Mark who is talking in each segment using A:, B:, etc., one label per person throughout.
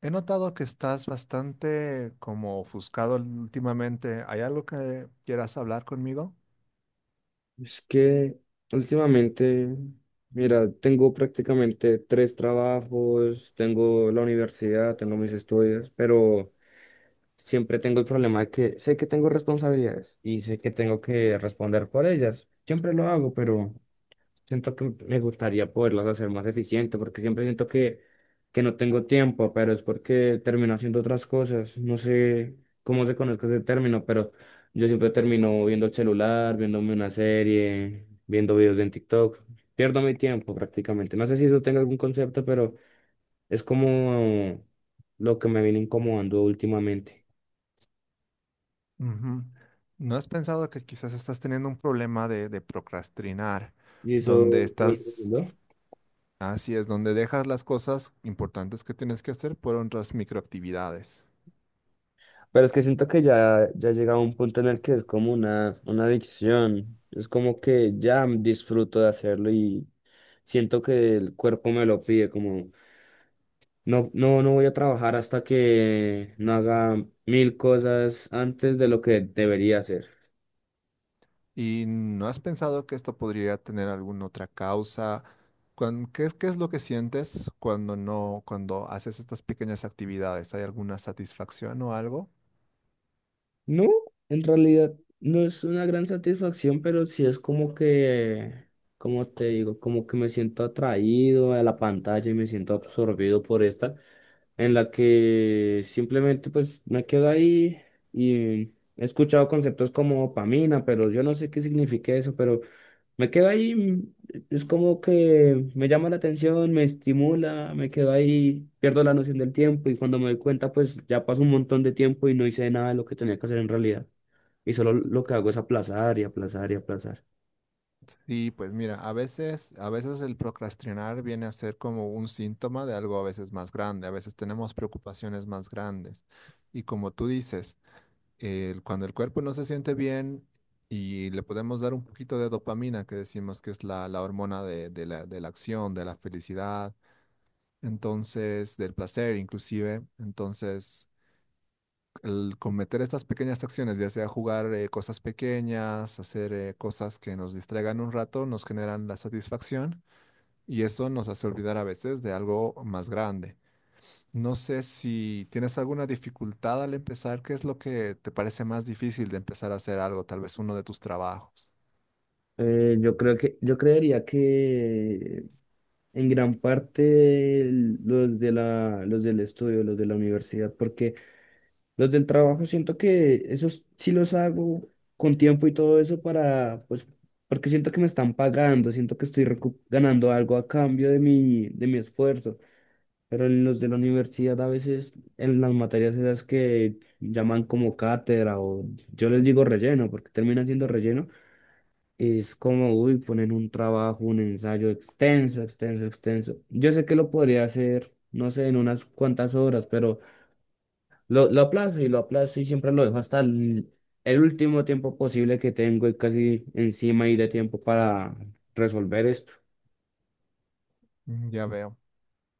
A: He notado que estás bastante como ofuscado últimamente. ¿Hay algo que quieras hablar conmigo?
B: Es que últimamente, mira, tengo prácticamente tres trabajos, tengo la universidad, tengo mis estudios, pero siempre tengo el problema de que sé que tengo responsabilidades y sé que tengo que responder por ellas. Siempre lo hago, pero siento que me gustaría poderlas hacer más eficiente porque siempre siento que no tengo tiempo, pero es porque termino haciendo otras cosas. No sé cómo se conozca ese término, pero yo siempre termino viendo el celular, viéndome una serie, viendo videos en TikTok. Pierdo mi tiempo prácticamente. No sé si eso tenga algún concepto, pero es como lo que me viene incomodando últimamente.
A: Ujú. ¿No has pensado que quizás estás teniendo un problema de procrastinar,
B: ¿Y
A: donde
B: eso?
A: estás,
B: ¿No?
A: así es, donde dejas las cosas importantes que tienes que hacer por otras microactividades?
B: Pero es que siento que ya llega a un punto en el que es como una adicción. Es como que ya disfruto de hacerlo y siento que el cuerpo me lo pide, como no, no, no voy a trabajar hasta que no haga mil cosas antes de lo que debería hacer.
A: ¿Y no has pensado que esto podría tener alguna otra causa? ¿Qué, qué es lo que sientes cuando no, cuando haces estas pequeñas actividades? ¿Hay alguna satisfacción o algo?
B: No, en realidad no es una gran satisfacción, pero sí es como que, como te digo, como que me siento atraído a la pantalla y me siento absorbido por esta. En la que simplemente pues me quedo ahí y he escuchado conceptos como dopamina, pero yo no sé qué significa eso, pero me quedo ahí, es como que me llama la atención, me estimula, me quedo ahí, pierdo la noción del tiempo y cuando me doy cuenta pues ya pasó un montón de tiempo y no hice nada de lo que tenía que hacer en realidad. Y solo lo que hago es aplazar y aplazar y aplazar.
A: Sí, pues mira, a veces el procrastinar viene a ser como un síntoma de algo a veces más grande, a veces tenemos preocupaciones más grandes. Y como tú dices, cuando el cuerpo no se siente bien y le podemos dar un poquito de dopamina, que decimos que es la hormona de la acción, de la felicidad, entonces, del placer inclusive, entonces el cometer estas pequeñas acciones, ya sea jugar cosas pequeñas, hacer cosas que nos distraigan un rato, nos generan la satisfacción y eso nos hace olvidar a veces de algo más grande. No sé si tienes alguna dificultad al empezar. ¿Qué es lo que te parece más difícil de empezar a hacer algo? Tal vez uno de tus trabajos.
B: Yo creo que, yo creería que en gran parte los del estudio, los de la universidad, porque los del trabajo siento que esos sí los hago con tiempo y todo eso para, pues, porque siento que me están pagando, siento que estoy ganando algo a cambio de mi, esfuerzo. Pero en los de la universidad a veces en las materias esas que llaman como cátedra o yo les digo relleno, porque termina siendo relleno es como, uy, poner un trabajo, un ensayo extenso, extenso, extenso. Yo sé que lo podría hacer, no sé, en unas cuantas horas, pero lo aplazo y lo aplazo y siempre lo dejo hasta el último tiempo posible que tengo y casi encima y de tiempo para resolver esto.
A: Mm, ya veo.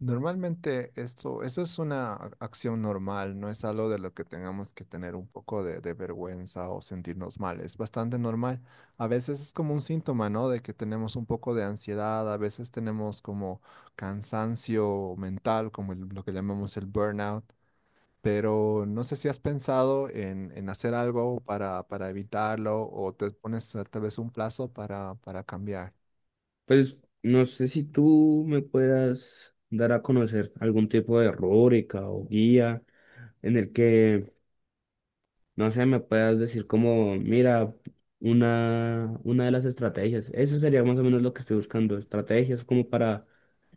A: Normalmente esto, eso es una acción normal, no es algo de lo que tengamos que tener un poco de vergüenza o sentirnos mal, es bastante normal. A veces es como un síntoma, ¿no? De que tenemos un poco de ansiedad, a veces tenemos como cansancio mental, como lo que llamamos el burnout, pero no sé si has pensado en hacer algo para evitarlo o te pones tal vez un plazo para cambiar.
B: Pues no sé si tú me puedas dar a conocer algún tipo de rúbrica o guía en el que no sé, me puedas decir como, mira, una de las estrategias. Eso sería más o menos lo que estoy buscando, estrategias como para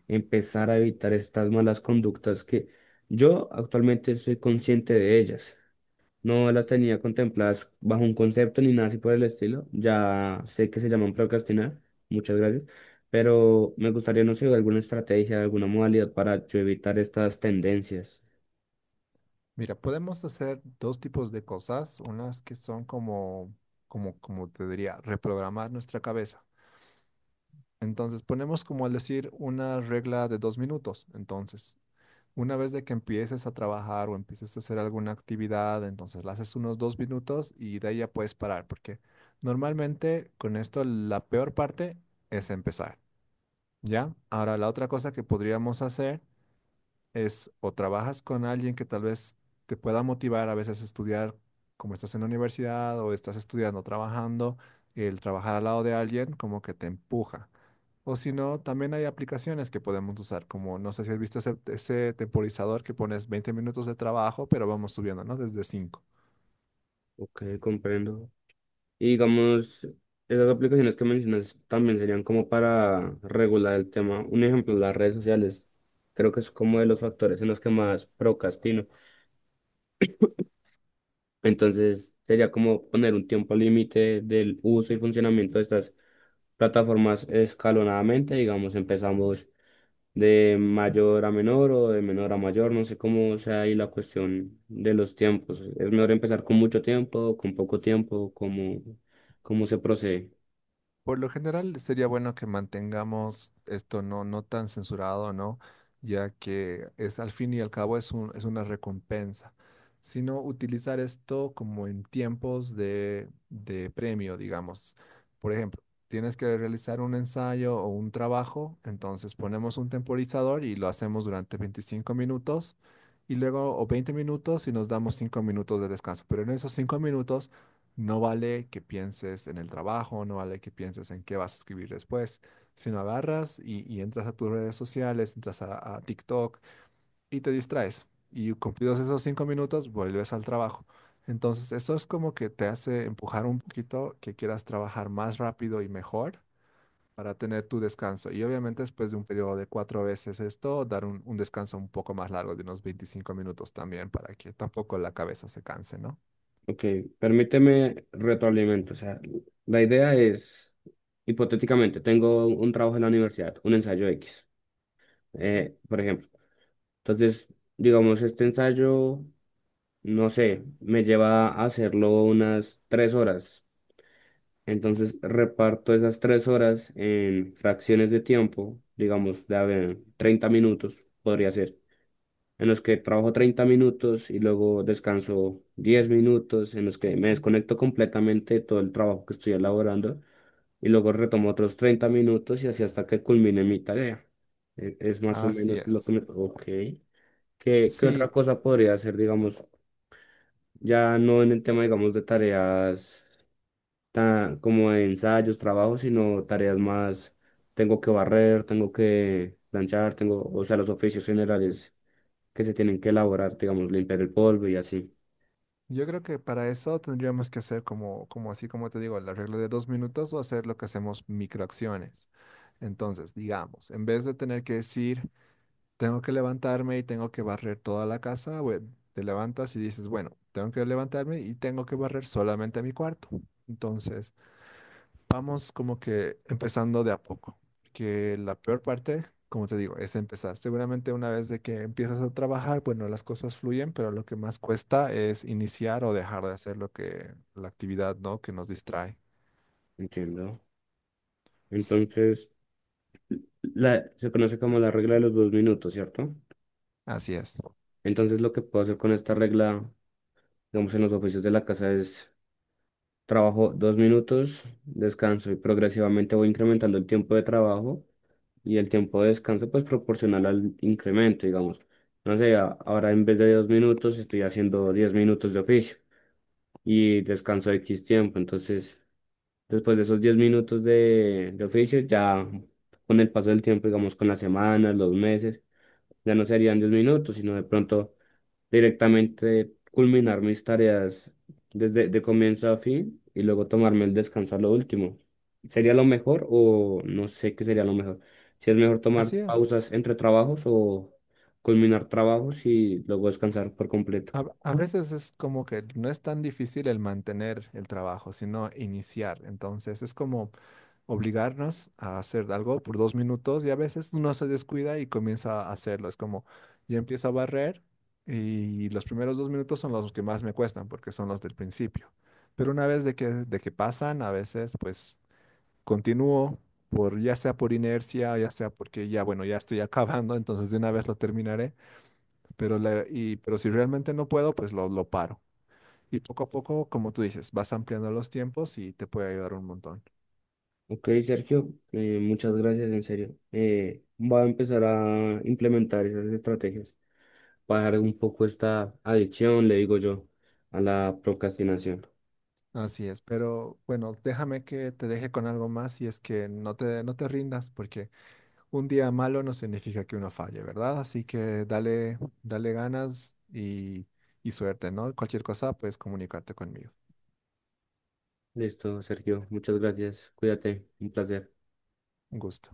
B: empezar a evitar estas malas conductas que yo actualmente soy consciente de ellas. No las tenía contempladas bajo un concepto ni nada así por el estilo. Ya sé que se llaman procrastinar. Muchas gracias. Pero me gustaría, no sé, alguna estrategia, alguna modalidad para yo evitar estas tendencias.
A: Mira, podemos hacer dos tipos de cosas, unas que son como, como te diría, reprogramar nuestra cabeza. Entonces ponemos como al decir una regla de dos minutos. Entonces, una vez de que empieces a trabajar o empieces a hacer alguna actividad, entonces la haces unos dos minutos y de ahí ya puedes parar, porque normalmente con esto la peor parte es empezar, ¿ya? Ahora, la otra cosa que podríamos hacer es o trabajas con alguien que tal vez te pueda motivar a veces a estudiar, como estás en la universidad o estás estudiando, trabajando, el trabajar al lado de alguien como que te empuja. O si no, también hay aplicaciones que podemos usar, como no sé si has visto ese, ese temporizador que pones 20 minutos de trabajo, pero vamos subiendo, ¿no? Desde cinco.
B: Ok, comprendo. Y digamos, esas aplicaciones que mencionas también serían como para regular el tema. Un ejemplo, las redes sociales. Creo que es como de los factores en los que más procrastino. Entonces, sería como poner un tiempo límite del uso y funcionamiento de estas plataformas escalonadamente. Digamos, empezamos de mayor a menor o de menor a mayor. No sé cómo sea ahí la cuestión de los tiempos. ¿Es mejor empezar con mucho tiempo, con poco tiempo? ¿Cómo se procede?
A: Por lo general sería bueno que mantengamos esto no, no tan censurado, ¿no? Ya que es al fin y al cabo es es una recompensa, sino utilizar esto como en tiempos de premio, digamos. Por ejemplo, tienes que realizar un ensayo o un trabajo, entonces ponemos un temporizador y lo hacemos durante 25 minutos y luego o 20 minutos y nos damos 5 minutos de descanso. Pero en esos 5 minutos no vale que pienses en el trabajo, no vale que pienses en qué vas a escribir después, sino agarras y entras a tus redes sociales, entras a TikTok y te distraes. Y cumplidos esos cinco minutos, vuelves al trabajo. Entonces, eso es como que te hace empujar un poquito que quieras trabajar más rápido y mejor para tener tu descanso. Y obviamente después de un periodo de cuatro veces esto, dar un descanso un poco más largo de unos 25 minutos también para que tampoco la cabeza se canse, ¿no?
B: Ok, permíteme retroalimento. O sea, la idea es, hipotéticamente, tengo un trabajo en la universidad, un ensayo X, por ejemplo. Entonces, digamos, este ensayo, no sé, me lleva a hacerlo unas 3 horas. Entonces, reparto esas 3 horas en fracciones de tiempo, digamos, de a ver, 30 minutos podría ser. En los que trabajo 30 minutos y luego descanso 10 minutos, en los que me desconecto completamente de todo el trabajo que estoy elaborando y luego retomo otros 30 minutos y así hasta que culmine mi tarea. Es más o
A: Así
B: menos lo que
A: es.
B: me. Ok. ¿Qué otra
A: Sí,
B: cosa podría hacer, digamos, ya no en el tema, digamos, de tareas tan, como de ensayos, trabajos, sino tareas más, tengo que barrer, tengo que planchar, tengo, o sea, los oficios generales que se tienen que elaborar, digamos, limpiar el polvo y así?
A: yo creo que para eso tendríamos que hacer como, como así como te digo, el arreglo de dos minutos o hacer lo que hacemos microacciones. Entonces, digamos, en vez de tener que decir, tengo que levantarme y tengo que barrer toda la casa, bueno, te levantas y dices, bueno, tengo que levantarme y tengo que barrer solamente mi cuarto. Entonces, vamos como que empezando de a poco, que la peor parte, como te digo, es empezar. Seguramente una vez de que empiezas a trabajar, bueno, las cosas fluyen, pero lo que más cuesta es iniciar o dejar de hacer lo que la actividad, ¿no?, que nos distrae.
B: Entiendo. Entonces, se conoce como la regla de los 2 minutos, ¿cierto?
A: Así es.
B: Entonces, lo que puedo hacer con esta regla, digamos, en los oficios de la casa es trabajo 2 minutos, descanso y progresivamente voy incrementando el tiempo de trabajo y el tiempo de descanso, pues proporcional al incremento, digamos. No sé, ahora en vez de 2 minutos estoy haciendo 10 minutos de oficio y descanso X tiempo, entonces, después de esos 10 minutos de oficio, ya con el paso del tiempo, digamos, con las semanas, los meses, ya no serían 10 minutos, sino de pronto directamente culminar mis tareas desde de comienzo a fin y luego tomarme el descanso a lo último. ¿Sería lo mejor o no sé qué sería lo mejor? Si es mejor tomar
A: Así es.
B: pausas entre trabajos o culminar trabajos y luego descansar por completo.
A: A veces es como que no es tan difícil el mantener el trabajo, sino iniciar. Entonces es como obligarnos a hacer algo por dos minutos y a veces uno se descuida y comienza a hacerlo. Es como yo empiezo a barrer y los primeros dos minutos son los que más me cuestan porque son los del principio. Pero una vez de que pasan, a veces pues continúo por ya sea por inercia, ya sea porque ya bueno, ya estoy acabando, entonces de una vez lo terminaré, pero pero si realmente no puedo, pues lo paro. Y poco a poco, como tú dices, vas ampliando los tiempos y te puede ayudar un montón.
B: Ok, Sergio, muchas gracias, en serio. Voy a empezar a implementar esas estrategias para dejar un poco esta adicción, le digo yo, a la procrastinación.
A: Así es, pero bueno, déjame que te deje con algo más y es que no te, no te rindas, porque un día malo no significa que uno falle, ¿verdad? Así que dale, dale ganas y suerte, ¿no? Cualquier cosa puedes comunicarte conmigo.
B: Listo, Sergio, muchas gracias. Cuídate, un placer.
A: Un gusto.